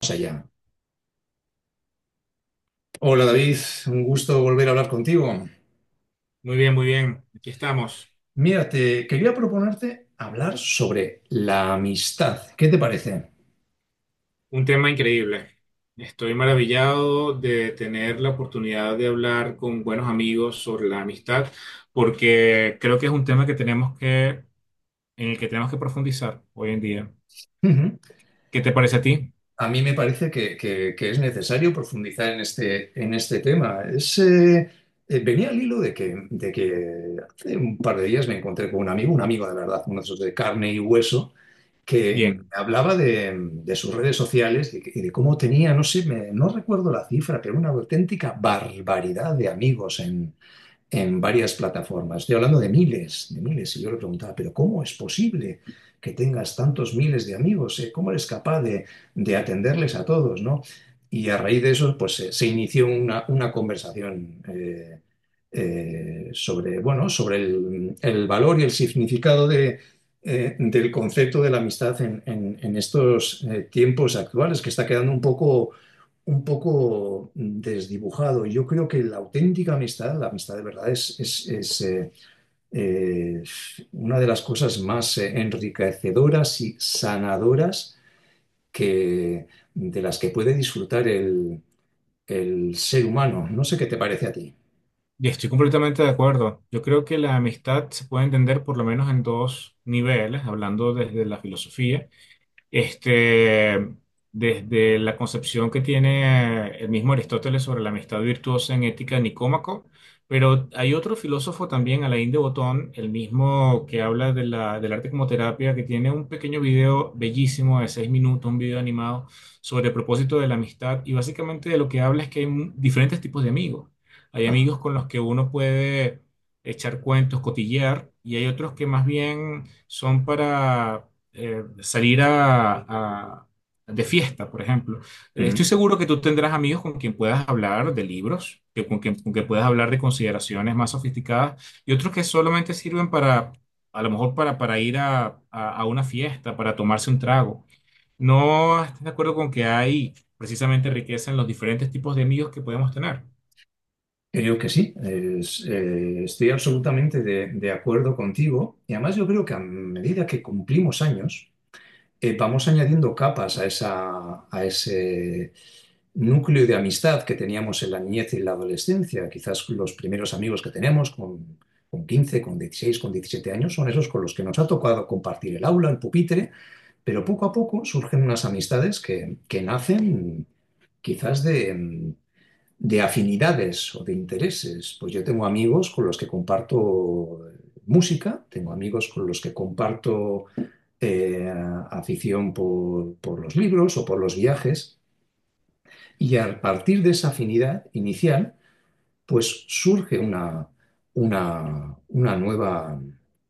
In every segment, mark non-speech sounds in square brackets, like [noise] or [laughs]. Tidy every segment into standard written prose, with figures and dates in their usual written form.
Vamos allá. Hola David, un gusto volver a hablar contigo. Muy bien, muy bien. Aquí estamos. Mira, te quería proponerte hablar sobre la amistad. ¿Qué te parece? Un tema increíble. Estoy maravillado de tener la oportunidad de hablar con buenos amigos sobre la amistad, porque creo que es un tema en el que tenemos que profundizar hoy en día. Ujú. ¿Qué te parece a ti? A mí me parece que es necesario profundizar en este tema. Venía al hilo de que hace un par de días me encontré con un amigo de verdad, uno de esos de carne y hueso, que me Bien. hablaba de sus redes sociales y, de cómo tenía, no sé, no recuerdo la cifra, pero una auténtica barbaridad de amigos en varias plataformas. Estoy hablando de miles, de miles. Y yo le preguntaba, pero ¿cómo es posible que tengas tantos miles de amigos? ¿eh? ¿Cómo eres capaz de atenderles a todos, no? Y a raíz de eso, pues se inició una conversación sobre, bueno, sobre el valor y el significado del concepto de la amistad en estos tiempos actuales, que está quedando un poco desdibujado. Yo creo que la auténtica amistad, la amistad de verdad, es, eh, una de las cosas más enriquecedoras y sanadoras que, de las que puede disfrutar el ser humano. No sé qué te parece a ti. Y estoy completamente de acuerdo. Yo creo que la amistad se puede entender por lo menos en dos niveles, hablando desde la filosofía. Este, Desde la concepción que tiene el mismo Aristóteles sobre la amistad virtuosa en Ética de Nicómaco, pero hay otro filósofo también, Alain de Botton, el mismo que habla de del arte como terapia, que tiene un pequeño video bellísimo de 6 minutos, un video animado sobre el propósito de la amistad y básicamente de lo que habla es que hay diferentes tipos de amigos. Hay Ah, amigos con los que uno puede echar cuentos, cotillear, y hay otros que más bien son para salir de fiesta, por ejemplo. Estoy ujú. seguro que tú tendrás amigos con quien puedas hablar de libros, con quien puedas hablar de consideraciones más sofisticadas y otros que solamente sirven a lo mejor para ir a una fiesta, para tomarse un trago. ¿No estás de acuerdo con que hay precisamente riqueza en los diferentes tipos de amigos que podemos tener? Creo que sí. Estoy absolutamente de acuerdo contigo, y además yo creo que a medida que cumplimos años, vamos añadiendo capas a ese núcleo de amistad que teníamos en la niñez y en la adolescencia. Quizás los primeros amigos que tenemos con 15, con 16, con 17 años, son esos con los que nos ha tocado compartir el aula, el pupitre, pero poco a poco surgen unas amistades que nacen quizás de afinidades o de intereses. Pues yo tengo amigos con los que comparto música, tengo amigos con los que comparto eh, afición por los libros o por los viajes. Y a partir de esa afinidad inicial, pues surge una nueva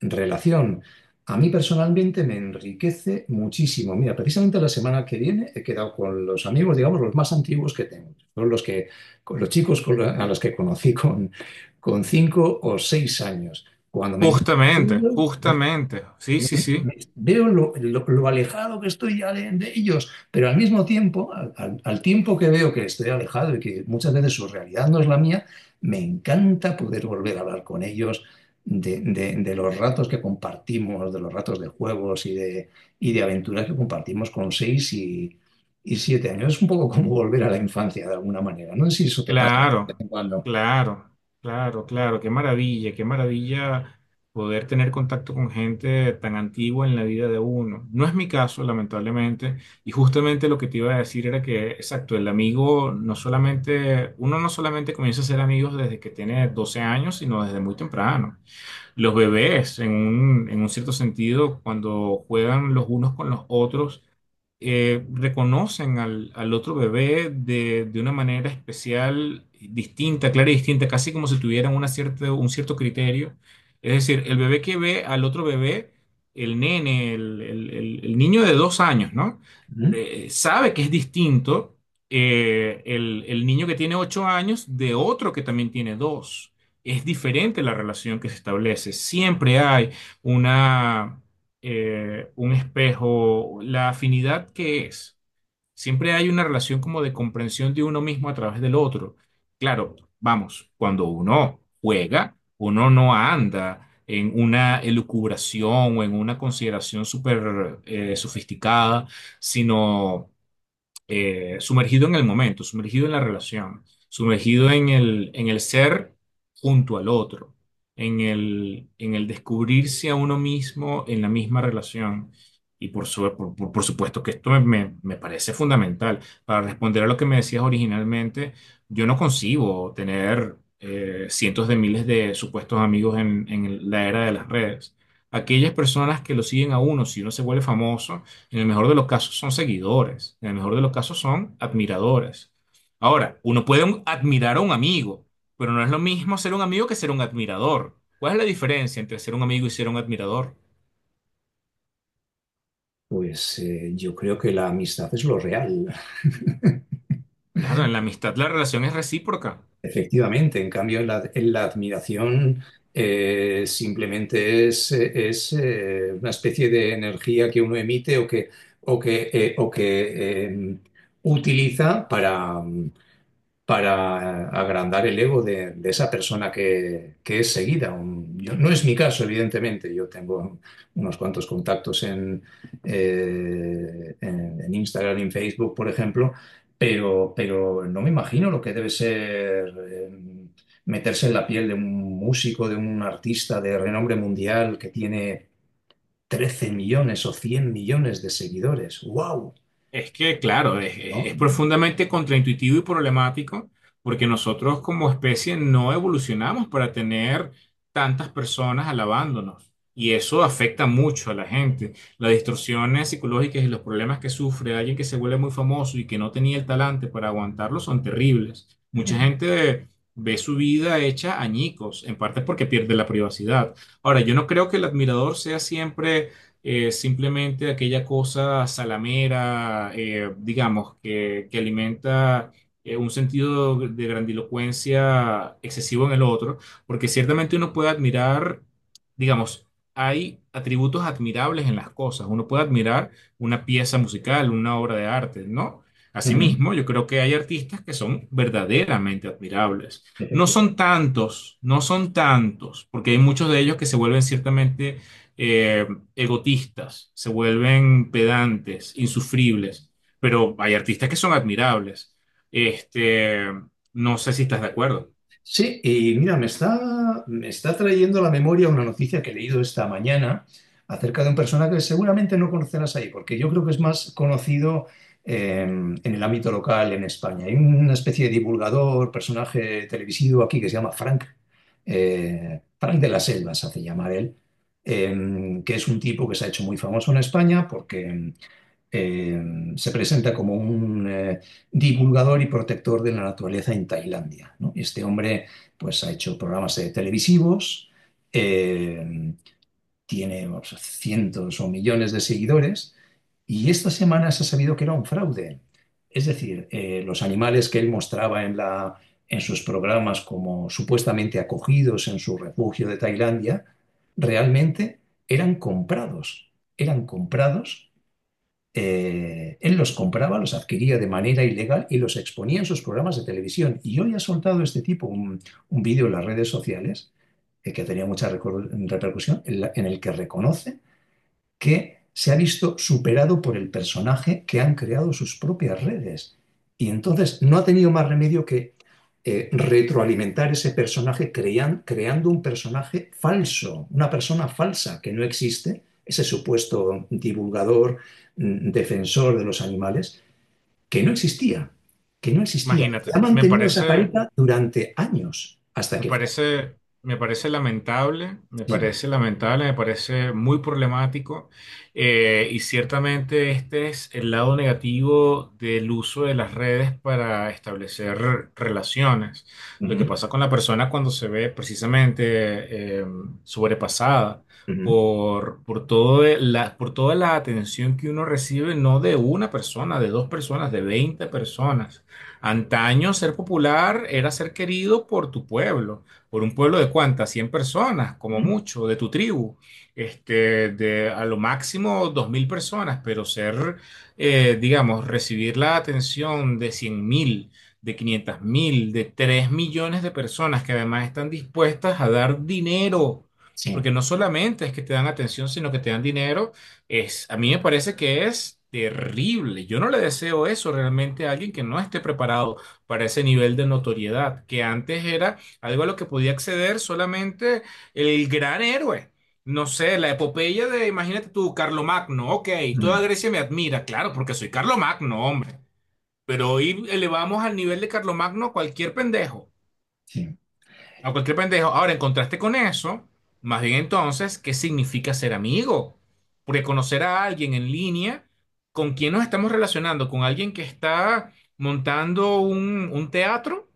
relación. A mí personalmente me enriquece muchísimo. Mira, precisamente la semana que viene he quedado con los amigos, digamos, los más antiguos que tengo. Son los que, con los chicos con los- a los que conocí con cinco o seis años. Cuando me Justamente, encuentro, justamente. Sí, sí, sí. Veo lo alejado que estoy ya de ellos, pero al mismo tiempo, al tiempo que veo que estoy alejado y que muchas veces su realidad no es la mía, me encanta poder volver a hablar con ellos de los ratos que compartimos, de los ratos de juegos y de aventuras que compartimos con seis y siete años. Es un poco como volver a la infancia de alguna manera. No sé si eso te pasa de vez Claro, en cuando. claro, claro, claro, qué maravilla poder tener contacto con gente tan antigua en la vida de uno. No es mi caso, lamentablemente, y justamente lo que te iba a decir era que, exacto, el amigo no solamente, uno no solamente comienza a ser amigos desde que tiene 12 años, sino desde muy temprano. Los bebés, en un cierto sentido, cuando juegan los unos con los otros, reconocen al otro bebé de una manera especial, distinta, clara y distinta, casi como si tuvieran un cierto criterio. Es decir, el bebé que ve al otro bebé, el nene, el niño de 2 años, ¿no? ¿Mm? Sabe que es distinto el niño que tiene 8 años de otro que también tiene dos. Es diferente la relación que se establece. Siempre hay una un espejo, la afinidad que es. Siempre hay una relación como de comprensión de uno mismo a través del otro. Claro, vamos, cuando uno juega, uno no anda en una elucubración o en una consideración súper sofisticada, sino sumergido en el momento, sumergido en la relación, sumergido en el ser junto al otro, en el descubrirse a uno mismo en la misma relación. Y por, su- por supuesto que esto me parece fundamental. Para responder a lo que me decías originalmente, yo no concibo tener cientos de miles de supuestos amigos en la era de las redes. Aquellas personas que lo siguen a uno, si uno se vuelve famoso, en el mejor de los casos son seguidores, en el mejor de los casos son admiradores. Ahora, uno puede admirar a un amigo, pero no es lo mismo ser un amigo que ser un admirador. ¿Cuál es la diferencia entre ser un amigo y ser un admirador? Pues yo creo que la amistad es lo real. Claro, en la amistad la relación es recíproca. Efectivamente, en cambio, en la admiración simplemente es una especie de energía que uno emite o que eh, utiliza para agrandar el ego de esa persona que es seguida. No es mi caso, evidentemente. Yo tengo unos cuantos contactos en Instagram y en Facebook, por ejemplo, pero no me imagino lo que debe ser meterse en la piel de un músico, de un artista de renombre mundial que tiene 13 millones o 100 millones de seguidores. ¡Wow! Es que, claro, es, es- ¿No? es profundamente contraintuitivo y problemático porque nosotros como especie no evolucionamos para tener tantas personas alabándonos y eso afecta mucho a la gente. Las distorsiones psicológicas y los problemas que sufre alguien que se vuelve muy famoso y que no tenía el talante para aguantarlo son terribles. Mucha Ujú. gente ve su vida hecha añicos, en parte porque pierde la privacidad. Ahora, yo no creo que el admirador sea siempre simplemente aquella cosa salamera, digamos, que alimenta un sentido de grandilocuencia excesivo en el otro, porque ciertamente uno puede admirar, digamos, hay atributos admirables en las cosas, uno puede admirar una pieza musical, una obra de arte, ¿no? Ujú. Asimismo, yo creo que hay artistas que son verdaderamente admirables. No Efectivamente. son tantos, no son tantos, porque hay muchos de ellos que se vuelven ciertamente eh, egotistas, se vuelven pedantes, insufribles, pero hay artistas que son admirables. Este, no sé si estás de acuerdo. Sí, y mira, me está trayendo a la memoria una noticia que he leído esta mañana acerca de un personaje que seguramente no conocerás ahí, porque yo creo que es más conocido en el ámbito local en España. Hay una especie de divulgador, personaje televisivo aquí que se llama Frank, Frank de las Selvas, hace llamar él, que es un tipo que se ha hecho muy famoso en España porque se presenta como un divulgador y protector de la naturaleza en Tailandia, ¿no? Este hombre pues, ha hecho programas televisivos, eh, tiene o cientos o millones de seguidores, y esta semana se ha sabido que era un fraude. Es decir, los animales que él mostraba en sus programas como supuestamente acogidos en su refugio de Tailandia, realmente eran comprados, eran comprados, él los compraba, los adquiría de manera ilegal y los exponía en sus programas de televisión. Y hoy ha soltado este tipo un vídeo en las redes sociales que tenía mucha repercusión, en el que reconoce que se ha visto superado por el personaje que han creado sus propias redes. Y entonces no ha tenido más remedio que retroalimentar ese personaje creando un personaje falso, una persona falsa que no existe, ese supuesto divulgador, mm, defensor de los animales, que no existía, que no existía. Y Imagínate, ha mantenido esa careta durante años hasta Me que... Sí. parece, me parece lamentable, me parece lamentable, me parece muy problemático y ciertamente este es el lado negativo del uso de las redes para establecer relaciones. Lo que Ujú, pasa con la persona cuando se ve precisamente eh, sobrepasada ujú, por toda la atención que uno recibe, no de una persona, de dos personas, de 20 personas. Antaño ser popular era ser querido por tu pueblo, por un pueblo de cuántas, 100 personas, como ujú. mucho, de tu tribu, este, de a lo máximo 2.000 personas, pero digamos, recibir la atención de 100.000, de 500.000, de 3 millones de personas que además están dispuestas a dar dinero, Sí. porque no solamente es que te dan atención, sino que te dan dinero es, a mí me parece que es terrible. Yo no le deseo eso realmente a alguien que no esté preparado para ese nivel de notoriedad, que antes era algo a lo que podía acceder solamente el gran héroe. No sé, la epopeya de, imagínate tú, Carlomagno, ok, Ujú, toda Grecia me admira, claro, porque soy Carlomagno, hombre. Pero hoy elevamos al nivel de Carlomagno a cualquier pendejo. sí. A cualquier pendejo. Ahora, en contraste con eso, más bien entonces, ¿qué significa ser amigo? Porque conocer a alguien en línea, ¿con quién nos estamos relacionando? ¿Con alguien que está montando un teatro?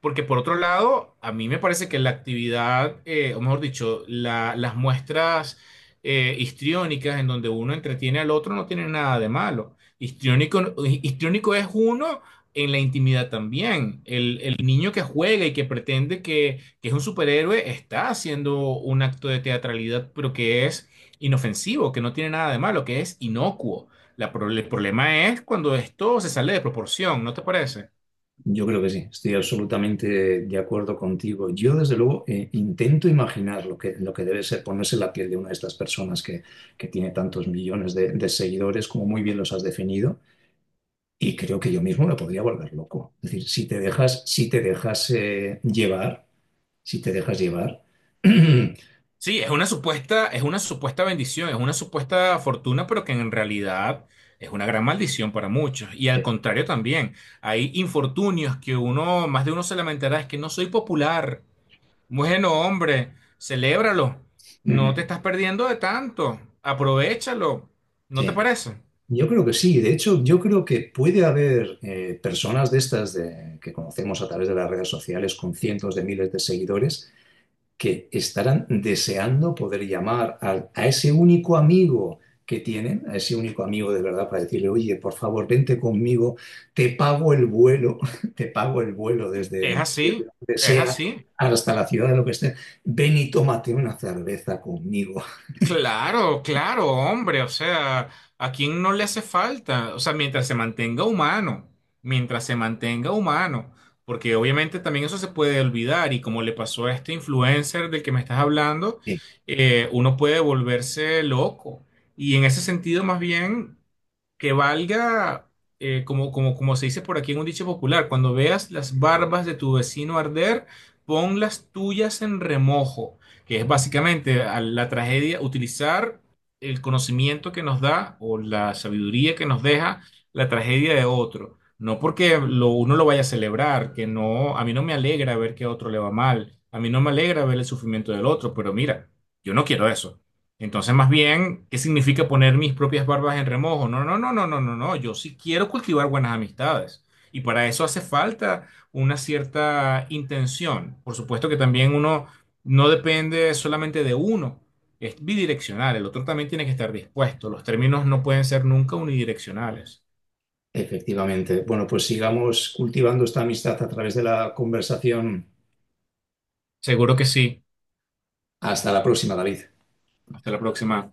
Porque por otro lado, a mí me parece que la actividad, o mejor dicho, las muestras histriónicas en donde uno entretiene al otro no tienen nada de malo. Histriónico, histriónico es uno en la intimidad también. El niño que juega y que pretende que es un superhéroe está haciendo un acto de teatralidad, pero que es inofensivo, que no tiene nada de malo, que es inocuo. El problema es cuando esto se sale de proporción, ¿no te parece? Yo creo que sí, estoy absolutamente de acuerdo contigo. Yo, desde luego, intento imaginar lo que debe ser ponerse en la piel de una de estas personas que tiene tantos millones de seguidores, como muy bien los has definido, y creo que yo mismo me podría volver loco. Es decir, si te dejas, si te dejas llevar, si te dejas llevar, [clears throat] eh, Sí, es una supuesta bendición, es una supuesta fortuna, pero que en realidad es una gran maldición para muchos. Y al contrario también, hay infortunios que uno, más de uno se lamentará, es que no soy popular. Bueno, hombre, celébralo. No te ujú, estás perdiendo de tanto. Aprovechalo. ¿No te sí. parece? Yo creo que sí. De hecho, yo creo que puede haber personas de estas que conocemos a través de las redes sociales con cientos de miles de seguidores que estarán deseando poder llamar a ese único amigo que tienen, a ese único amigo de verdad para decirle, oye, por favor, vente conmigo, te pago el vuelo, [laughs] te pago el vuelo Es desde, desde así, donde es sea así. hasta la ciudad de lo que esté, ven y tómate una cerveza conmigo. [laughs] Claro, claro, hombre, o sea, ¿a quién no le hace falta? O sea, mientras se mantenga humano, mientras se mantenga humano, porque obviamente también eso se puede olvidar y como le pasó a este influencer del que me estás hablando, Sí, uno puede volverse loco. Y en ese sentido, más bien, que valga, como se dice por aquí en un dicho popular, cuando veas las barbas de tu vecino arder, pon las tuyas en remojo que es básicamente a la tragedia utilizar el conocimiento que nos da o la sabiduría que nos deja la tragedia de otro. No porque lo, uno lo vaya a celebrar, que no, a mí no me alegra ver que a otro le va mal, a mí no me alegra ver el sufrimiento del otro, pero mira, yo no quiero eso. Entonces, más bien, ¿qué significa poner mis propias barbas en remojo? No, no, no, no, no, no, no. Yo sí quiero cultivar buenas amistades. Y para eso hace falta una cierta intención. Por supuesto que también uno no depende solamente de uno, es bidireccional, el otro también tiene que estar dispuesto, los términos no pueden ser nunca unidireccionales. efectivamente. Bueno, pues sigamos cultivando esta amistad a través de la conversación. Seguro que sí. Hasta la próxima, David. Hasta la próxima.